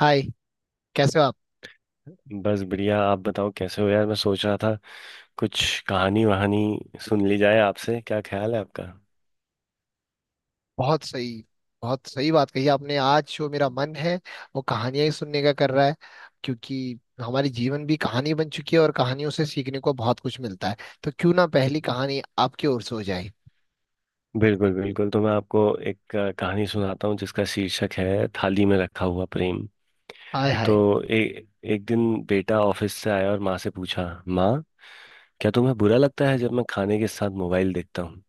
हाय। कैसे हो आप? बस बढ़िया। आप बताओ कैसे हो यार? मैं सोच रहा था कुछ कहानी वहानी सुन ली जाए आपसे। क्या ख्याल है आपका? बहुत सही। बहुत सही बात कही आपने। आज जो मेरा मन है वो कहानियां ही सुनने का कर रहा है क्योंकि हमारी जीवन भी कहानी बन चुकी है और कहानियों से सीखने को बहुत कुछ मिलता है। तो क्यों ना पहली कहानी आपकी ओर से हो जाए। बिल्कुल बिल्कुल। तो मैं आपको एक कहानी सुनाता हूँ जिसका शीर्षक है थाली में रखा हुआ प्रेम। हाय तो हाय। एक दिन बेटा ऑफिस से आया और माँ से पूछा, माँ क्या तुम्हें बुरा लगता है जब मैं खाने के साथ मोबाइल देखता हूँ?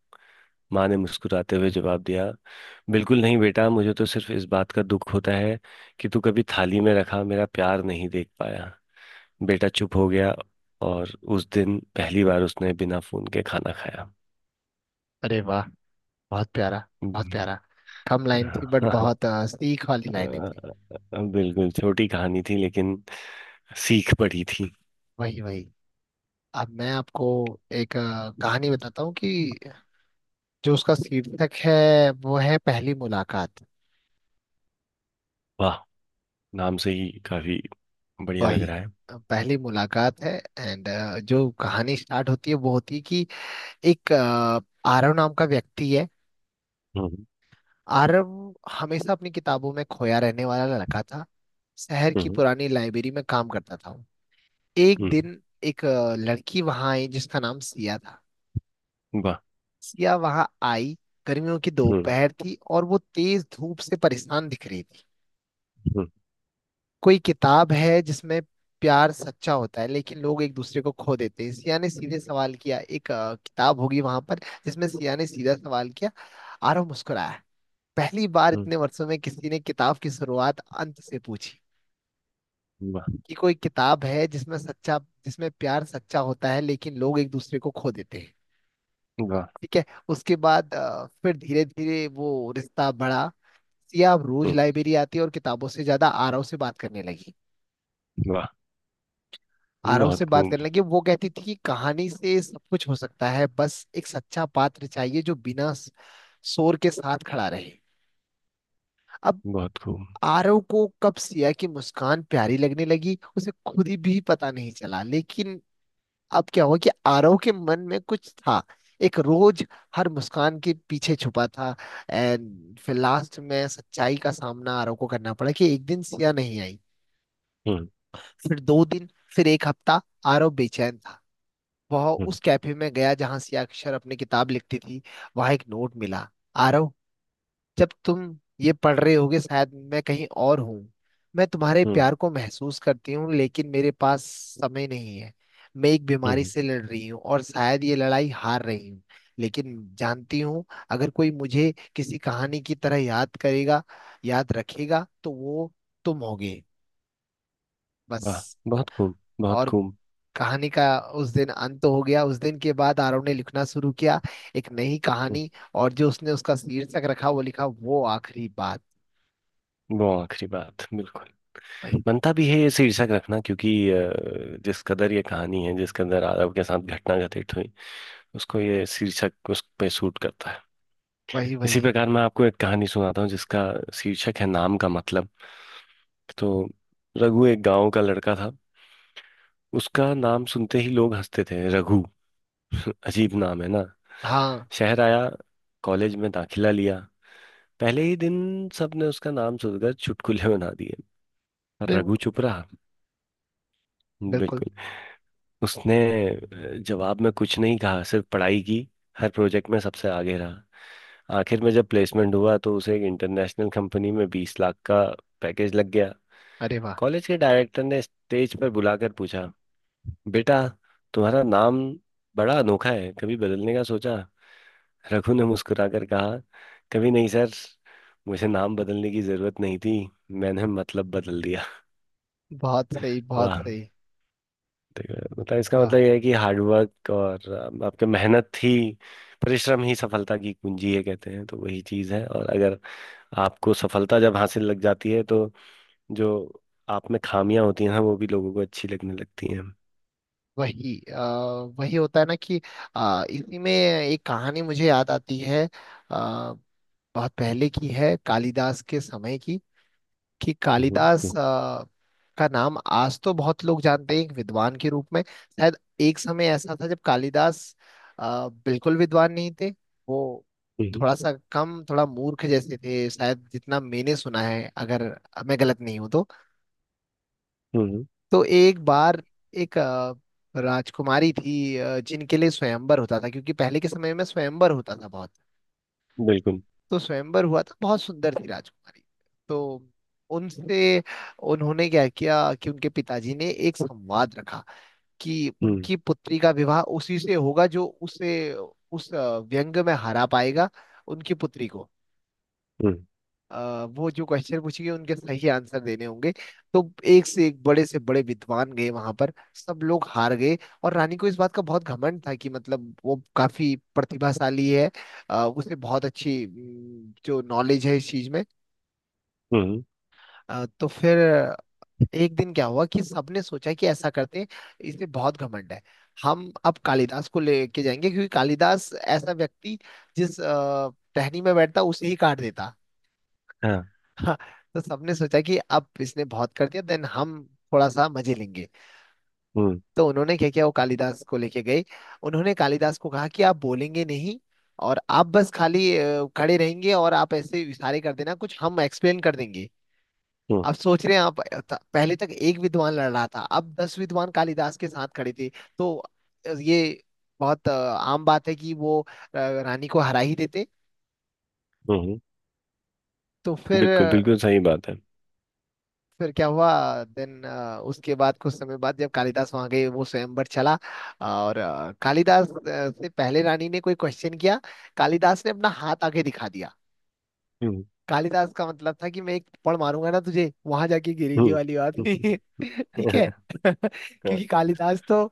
माँ ने मुस्कुराते हुए जवाब दिया, बिल्कुल नहीं बेटा। मुझे तो सिर्फ इस बात का दुख होता है कि तू कभी थाली में रखा मेरा प्यार नहीं देख पाया। बेटा चुप हो गया और उस दिन पहली बार उसने बिना फोन के खाना खाया। अरे वाह। बहुत प्यारा। बहुत हम्म, प्यारा। कम लाइन हाँ, थी बट हाँ, बहुत सीख वाली लाइनें थी। बिल्कुल छोटी कहानी थी लेकिन सीख पड़ी थी। वही वही। अब मैं आपको एक कहानी बताता हूँ कि जो उसका शीर्षक है वो है पहली मुलाकात। वाह! नाम से ही काफी बढ़िया लग वही रहा है। पहली मुलाकात है। एंड जो कहानी स्टार्ट होती है वो होती है कि एक आरव नाम का व्यक्ति है। हम्म। आरव हमेशा अपनी किताबों में खोया रहने वाला लड़का था। शहर की हम्म। पुरानी लाइब्रेरी में काम करता था वो। एक हम्म, दिन एक लड़की वहां आई जिसका नाम सिया था। वाह। सिया वहां आई। गर्मियों की हम्म। दोपहर थी और वो तेज धूप से परेशान दिख रही थी। हम्म। कोई किताब है जिसमें प्यार सच्चा होता है लेकिन लोग एक दूसरे को खो देते हैं? सिया ने सीधे सवाल किया। एक किताब होगी वहां पर जिसमें, सिया ने सीधा सवाल किया। आरव मुस्कुराया। पहली बार हम्म, इतने वर्षों में किसी ने किताब की शुरुआत अंत से पूछी वाह। कि कोई किताब है जिसमें सच्चा, जिसमें प्यार सच्चा होता है लेकिन लोग एक दूसरे को खो देते हैं। वाह। ठीक है। उसके बाद फिर धीरे धीरे वो रिश्ता बढ़ा। सिया अब रोज हम्म, लाइब्रेरी आती है और किताबों से ज्यादा आरव से बात करने लगी। वाह। आरव बहुत से बात खूब, करने लगे। वो कहती थी कि कहानी से सब कुछ हो सकता है, बस एक सच्चा पात्र चाहिए जो बिना शोर के साथ खड़ा रहे। अब बहुत खूब। आरव को कब सिया की मुस्कान प्यारी लगने लगी उसे खुद ही भी पता नहीं चला, लेकिन अब क्या हुआ कि आरव के मन में कुछ था। एक रोज हर मुस्कान के पीछे छुपा था। एंड फिर लास्ट में सच्चाई का सामना आरव को करना पड़ा कि एक दिन सिया नहीं आई। हम्म। फिर दो दिन, फिर एक हफ्ता। आरव बेचैन था। वह हम्म। उस कैफे में गया जहां सिया अक्षर अपनी किताब लिखती थी। वहां एक नोट मिला। आरव, जब तुम ये पढ़ रहे होगे शायद मैं कहीं और हूँ। मैं तुम्हारे हम्म। प्यार को महसूस करती हूँ लेकिन मेरे पास समय नहीं है। मैं एक बीमारी हम्म, से लड़ रही हूँ और शायद ये लड़ाई हार रही हूँ। लेकिन जानती हूँ अगर कोई मुझे किसी कहानी की तरह याद करेगा, याद रखेगा तो वो तुम होगे। वाह। बस। बहुत खूब, बहुत और खूब। कहानी का उस दिन अंत हो गया। उस दिन के बाद आरव ने लिखना शुरू किया, एक नई हम्म, कहानी। और जो उसने उसका शीर्षक रखा वो लिखा, वो आखिरी बात। वो आखिरी बात बिल्कुल। वही बनता भी है ये शीर्षक रखना क्योंकि जिस कदर ये कहानी है जिस कदर आरव के साथ घटना घटित हुई उसको ये शीर्षक उस पे सूट करता है। वही। इसी वही। प्रकार मैं आपको एक कहानी सुनाता हूँ जिसका शीर्षक है नाम का मतलब। तो रघु एक गांव का लड़का था। उसका नाम सुनते ही लोग हंसते थे, रघु? अजीब नाम है ना। हाँ। शहर आया, कॉलेज में दाखिला लिया। पहले ही दिन सबने उसका नाम सुनकर चुटकुले बना दिए। अरे पर रघु चुप रहा। बिल्कुल। बिल्कुल। उसने जवाब में कुछ नहीं कहा, सिर्फ पढ़ाई की। हर प्रोजेक्ट में सबसे आगे रहा। आखिर में जब प्लेसमेंट हुआ तो उसे एक इंटरनेशनल कंपनी में 20 लाख का पैकेज लग गया। अरे वाह। कॉलेज के डायरेक्टर ने स्टेज पर बुलाकर पूछा, बेटा तुम्हारा नाम बड़ा अनोखा है, कभी बदलने का सोचा? रघु ने मुस्कुराकर कहा, कभी नहीं सर। मुझे नाम बदलने की जरूरत नहीं थी, मैंने मतलब बदल दिया। बहुत सही बहुत वाह! सही। ठीक है। मतलब इसका वाह। मतलब यह है कि हार्डवर्क और आपके मेहनत ही, परिश्रम ही सफलता की कुंजी है कहते हैं, तो वही चीज है। और अगर आपको सफलता जब हासिल लग जाती है तो जो आप में खामियां होती हैं वो भी लोगों को अच्छी लगने लगती हैं। वही वही होता है ना कि इसी में एक कहानी मुझे याद आती है। आ, बहुत पहले की है कालिदास के समय की। कि हम्म। कालिदास हम्म। का नाम आज तो बहुत लोग जानते हैं एक विद्वान के रूप में। शायद एक समय ऐसा था जब कालिदास बिल्कुल विद्वान नहीं थे। वो हम्म। थोड़ा सा कम, थोड़ा मूर्ख जैसे थे शायद, जितना मैंने सुना है, अगर मैं गलत नहीं हूं तो। हम्म, तो एक बार एक राजकुमारी थी, जिनके लिए स्वयंवर होता था क्योंकि पहले के समय में स्वयंवर होता था बहुत। बिल्कुल। तो स्वयंवर हुआ था, बहुत सुंदर थी राजकुमारी। तो उनसे उन्होंने क्या किया कि उनके पिताजी ने एक संवाद रखा कि हम्म। उनकी पुत्री का विवाह उसी से होगा जो उसे उस व्यंग में हरा पाएगा। उनकी पुत्री को हम्म। वो जो क्वेश्चन पूछेंगे उनके सही आंसर देने होंगे। तो एक से एक बड़े से बड़े विद्वान गए वहां पर, सब लोग हार गए। और रानी को इस बात का बहुत घमंड था कि मतलब वो काफी प्रतिभाशाली है। उसे बहुत अच्छी जो नॉलेज है इस चीज में। हम्म। तो फिर एक दिन क्या हुआ कि सबने सोचा कि ऐसा करते हैं, इसमें बहुत घमंड है, हम अब कालिदास को लेके जाएंगे क्योंकि कालिदास ऐसा व्यक्ति जिस टहनी में बैठता उसे ही काट देता। हाँ। हाँ, तो सबने सोचा कि अब इसने बहुत कर दिया, देन हम थोड़ा सा मजे लेंगे। हम्म। तो उन्होंने क्या किया, वो कालिदास को लेके गए। उन्होंने कालिदास को कहा कि आप बोलेंगे नहीं, और आप बस खाली खड़े रहेंगे और आप ऐसे इशारे कर देना, कुछ हम एक्सप्लेन कर देंगे। हम्म। आप सोच रहे हैं, आप पहले तक एक विद्वान लड़ रहा था, अब दस विद्वान कालिदास के साथ खड़े थे। तो ये बहुत आम बात है कि वो रानी को हरा ही देते। हम्म, तो फिर बिल्कुल बिल्कुल सही बात है। फिर क्या हुआ देन। उसके बाद कुछ समय बाद जब कालिदास वहां गए वो स्वयंवर चला। और कालिदास से पहले रानी ने कोई क्वेश्चन किया। कालिदास ने अपना हाथ आगे दिखा दिया। हम्म। कालिदास का मतलब था कि मैं एक थप्पड़ मारूंगा ना तुझे, वहां जाके गिरेगी, हम्म। वाली बात नहीं हम्म, है। ठीक है। हाँ, क्योंकि कालिदास तो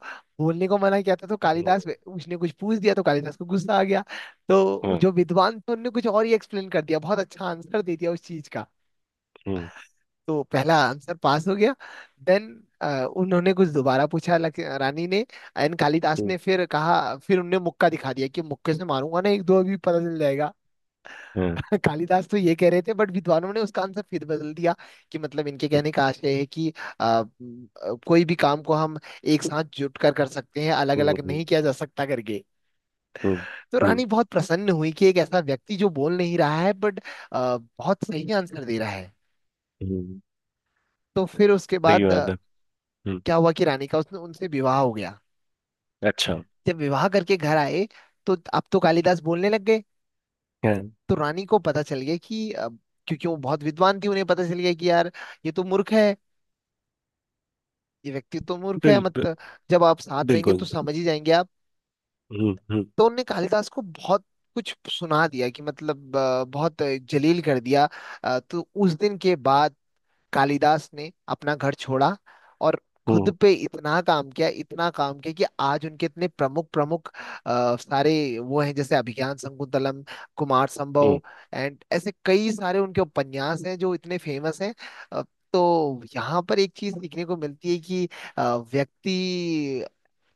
बोलने को मना किया था। तो हम्म, कालिदास, उसने कुछ पूछ दिया तो कालिदास को गुस्सा आ गया। तो हाँ, जो विद्वान थे उनने कुछ और ही एक्सप्लेन कर दिया, बहुत अच्छा आंसर दे दिया उस चीज का। हम्म, तो पहला आंसर पास हो गया। देन उन्होंने कुछ दोबारा पूछा, रानी ने। एंड कालिदास हम्म, ने फिर कहा, फिर उनने मुक्का दिखा दिया कि मुक्के से मारूंगा ना एक दो अभी पता चल जाएगा। हाँ, कालिदास तो ये कह रहे थे बट विद्वानों ने उसका आंसर फिर बदल दिया कि मतलब इनके कहने का आशय है कि कोई भी काम को हम एक साथ जुट कर कर सकते हैं, अलग हम्म, अलग हम्म, नहीं किया जा सकता करके। हम्म, तो हम्म, रानी बहुत प्रसन्न हुई कि एक ऐसा व्यक्ति जो बोल नहीं रहा है बट बहुत सही आंसर दे रहा है। हम्म, तो फिर उसके सही बाद बात है। हम्म। क्या हुआ कि रानी का उसने उनसे विवाह हो गया। अच्छा। जब विवाह करके घर आए तो अब तो कालिदास बोलने लग गए। हाँ, तो रानी को पता चल गया कि क्योंकि वो बहुत विद्वान थी उन्हें पता चल गया कि यार ये तो मूर्ख है। ये व्यक्ति तो मूर्ख है, बिल, बि- मतलब जब आप साथ रहेंगे तो बिल्कुल। समझ ही जाएंगे आप। हम्म। हम्म। तो उनने कालिदास को बहुत कुछ सुना दिया कि मतलब बहुत जलील कर दिया। तो उस दिन के बाद कालिदास ने अपना घर छोड़ा, और खुद हम्म। पे इतना काम किया, इतना काम किया कि आज उनके इतने प्रमुख प्रमुख सारे वो हैं जैसे अभिज्ञान शकुंतलम, कुमार संभव, हम्म, एंड ऐसे कई सारे उनके उपन्यास हैं जो इतने फेमस हैं। अ, तो यहाँ पर एक चीज सीखने को मिलती है कि व्यक्ति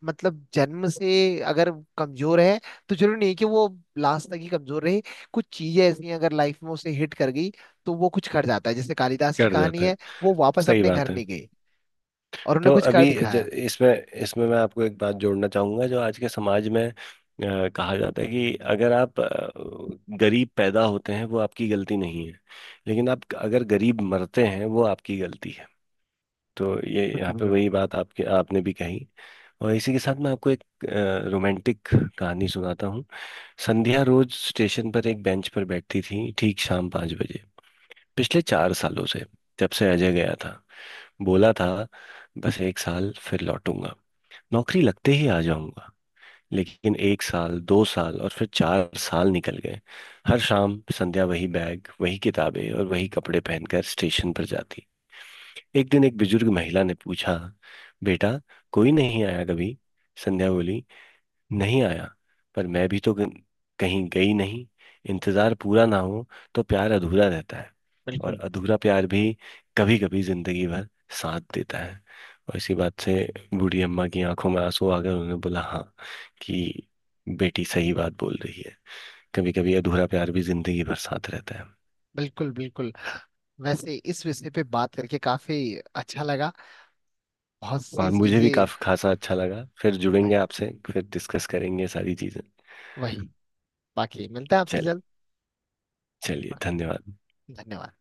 मतलब जन्म से अगर कमजोर है तो जरूरी नहीं कि वो लास्ट तक ही कमजोर रहे। कुछ चीजें ऐसी हैं अगर लाइफ में उसे हिट कर गई तो वो कुछ कर जाता है, जैसे कालिदास की कट कहानी जाता है। है। वो वापस सही अपने घर बात है। नहीं गए, और उन्हें तो कुछ कर अभी दिखाया। इसमें इसमें मैं आपको एक बात जोड़ना चाहूंगा जो आज के समाज में कहा जाता है कि अगर आप गरीब पैदा होते हैं वो आपकी गलती नहीं है। लेकिन आप अगर गरीब मरते हैं वो आपकी गलती है। तो ये यहाँ बिल्कुल पे बिल्कुल। वही बात आपके आपने भी कही। और इसी के साथ मैं आपको एक रोमांटिक कहानी सुनाता हूँ। संध्या रोज स्टेशन पर एक बेंच पर बैठती थी, ठीक शाम 5 बजे, पिछले 4 सालों से। जब से अजय गया था, बोला था बस एक साल फिर लौटूंगा, नौकरी लगते ही आ जाऊंगा। लेकिन एक साल, 2 साल, और फिर 4 साल निकल गए। हर शाम संध्या वही बैग, वही किताबें और वही कपड़े पहनकर स्टेशन पर जाती। एक दिन एक बुजुर्ग महिला ने पूछा, बेटा कोई नहीं आया कभी? संध्या बोली, नहीं आया। पर मैं भी तो कहीं गई नहीं। इंतजार पूरा ना हो तो प्यार अधूरा रहता है। और बिल्कुल अधूरा प्यार भी कभी कभी जिंदगी भर साथ देता है। और इसी बात से बूढ़ी अम्मा की आंखों में आंसू आ गए। उन्होंने बोला, हाँ कि बेटी सही बात बोल रही है। कभी कभी अधूरा प्यार भी जिंदगी भर साथ रहता है। बिल्कुल। बिल्कुल। वैसे इस विषय पे बात करके काफी अच्छा लगा। बहुत सी और मुझे भी चीजें। काफी खासा अच्छा लगा। फिर जुड़ेंगे वह- आपसे, फिर डिस्कस करेंगे सारी चीजें। वही। बाकी मिलते हैं आपसे चल जल्द। चलिए, धन्यवाद। धन्यवाद।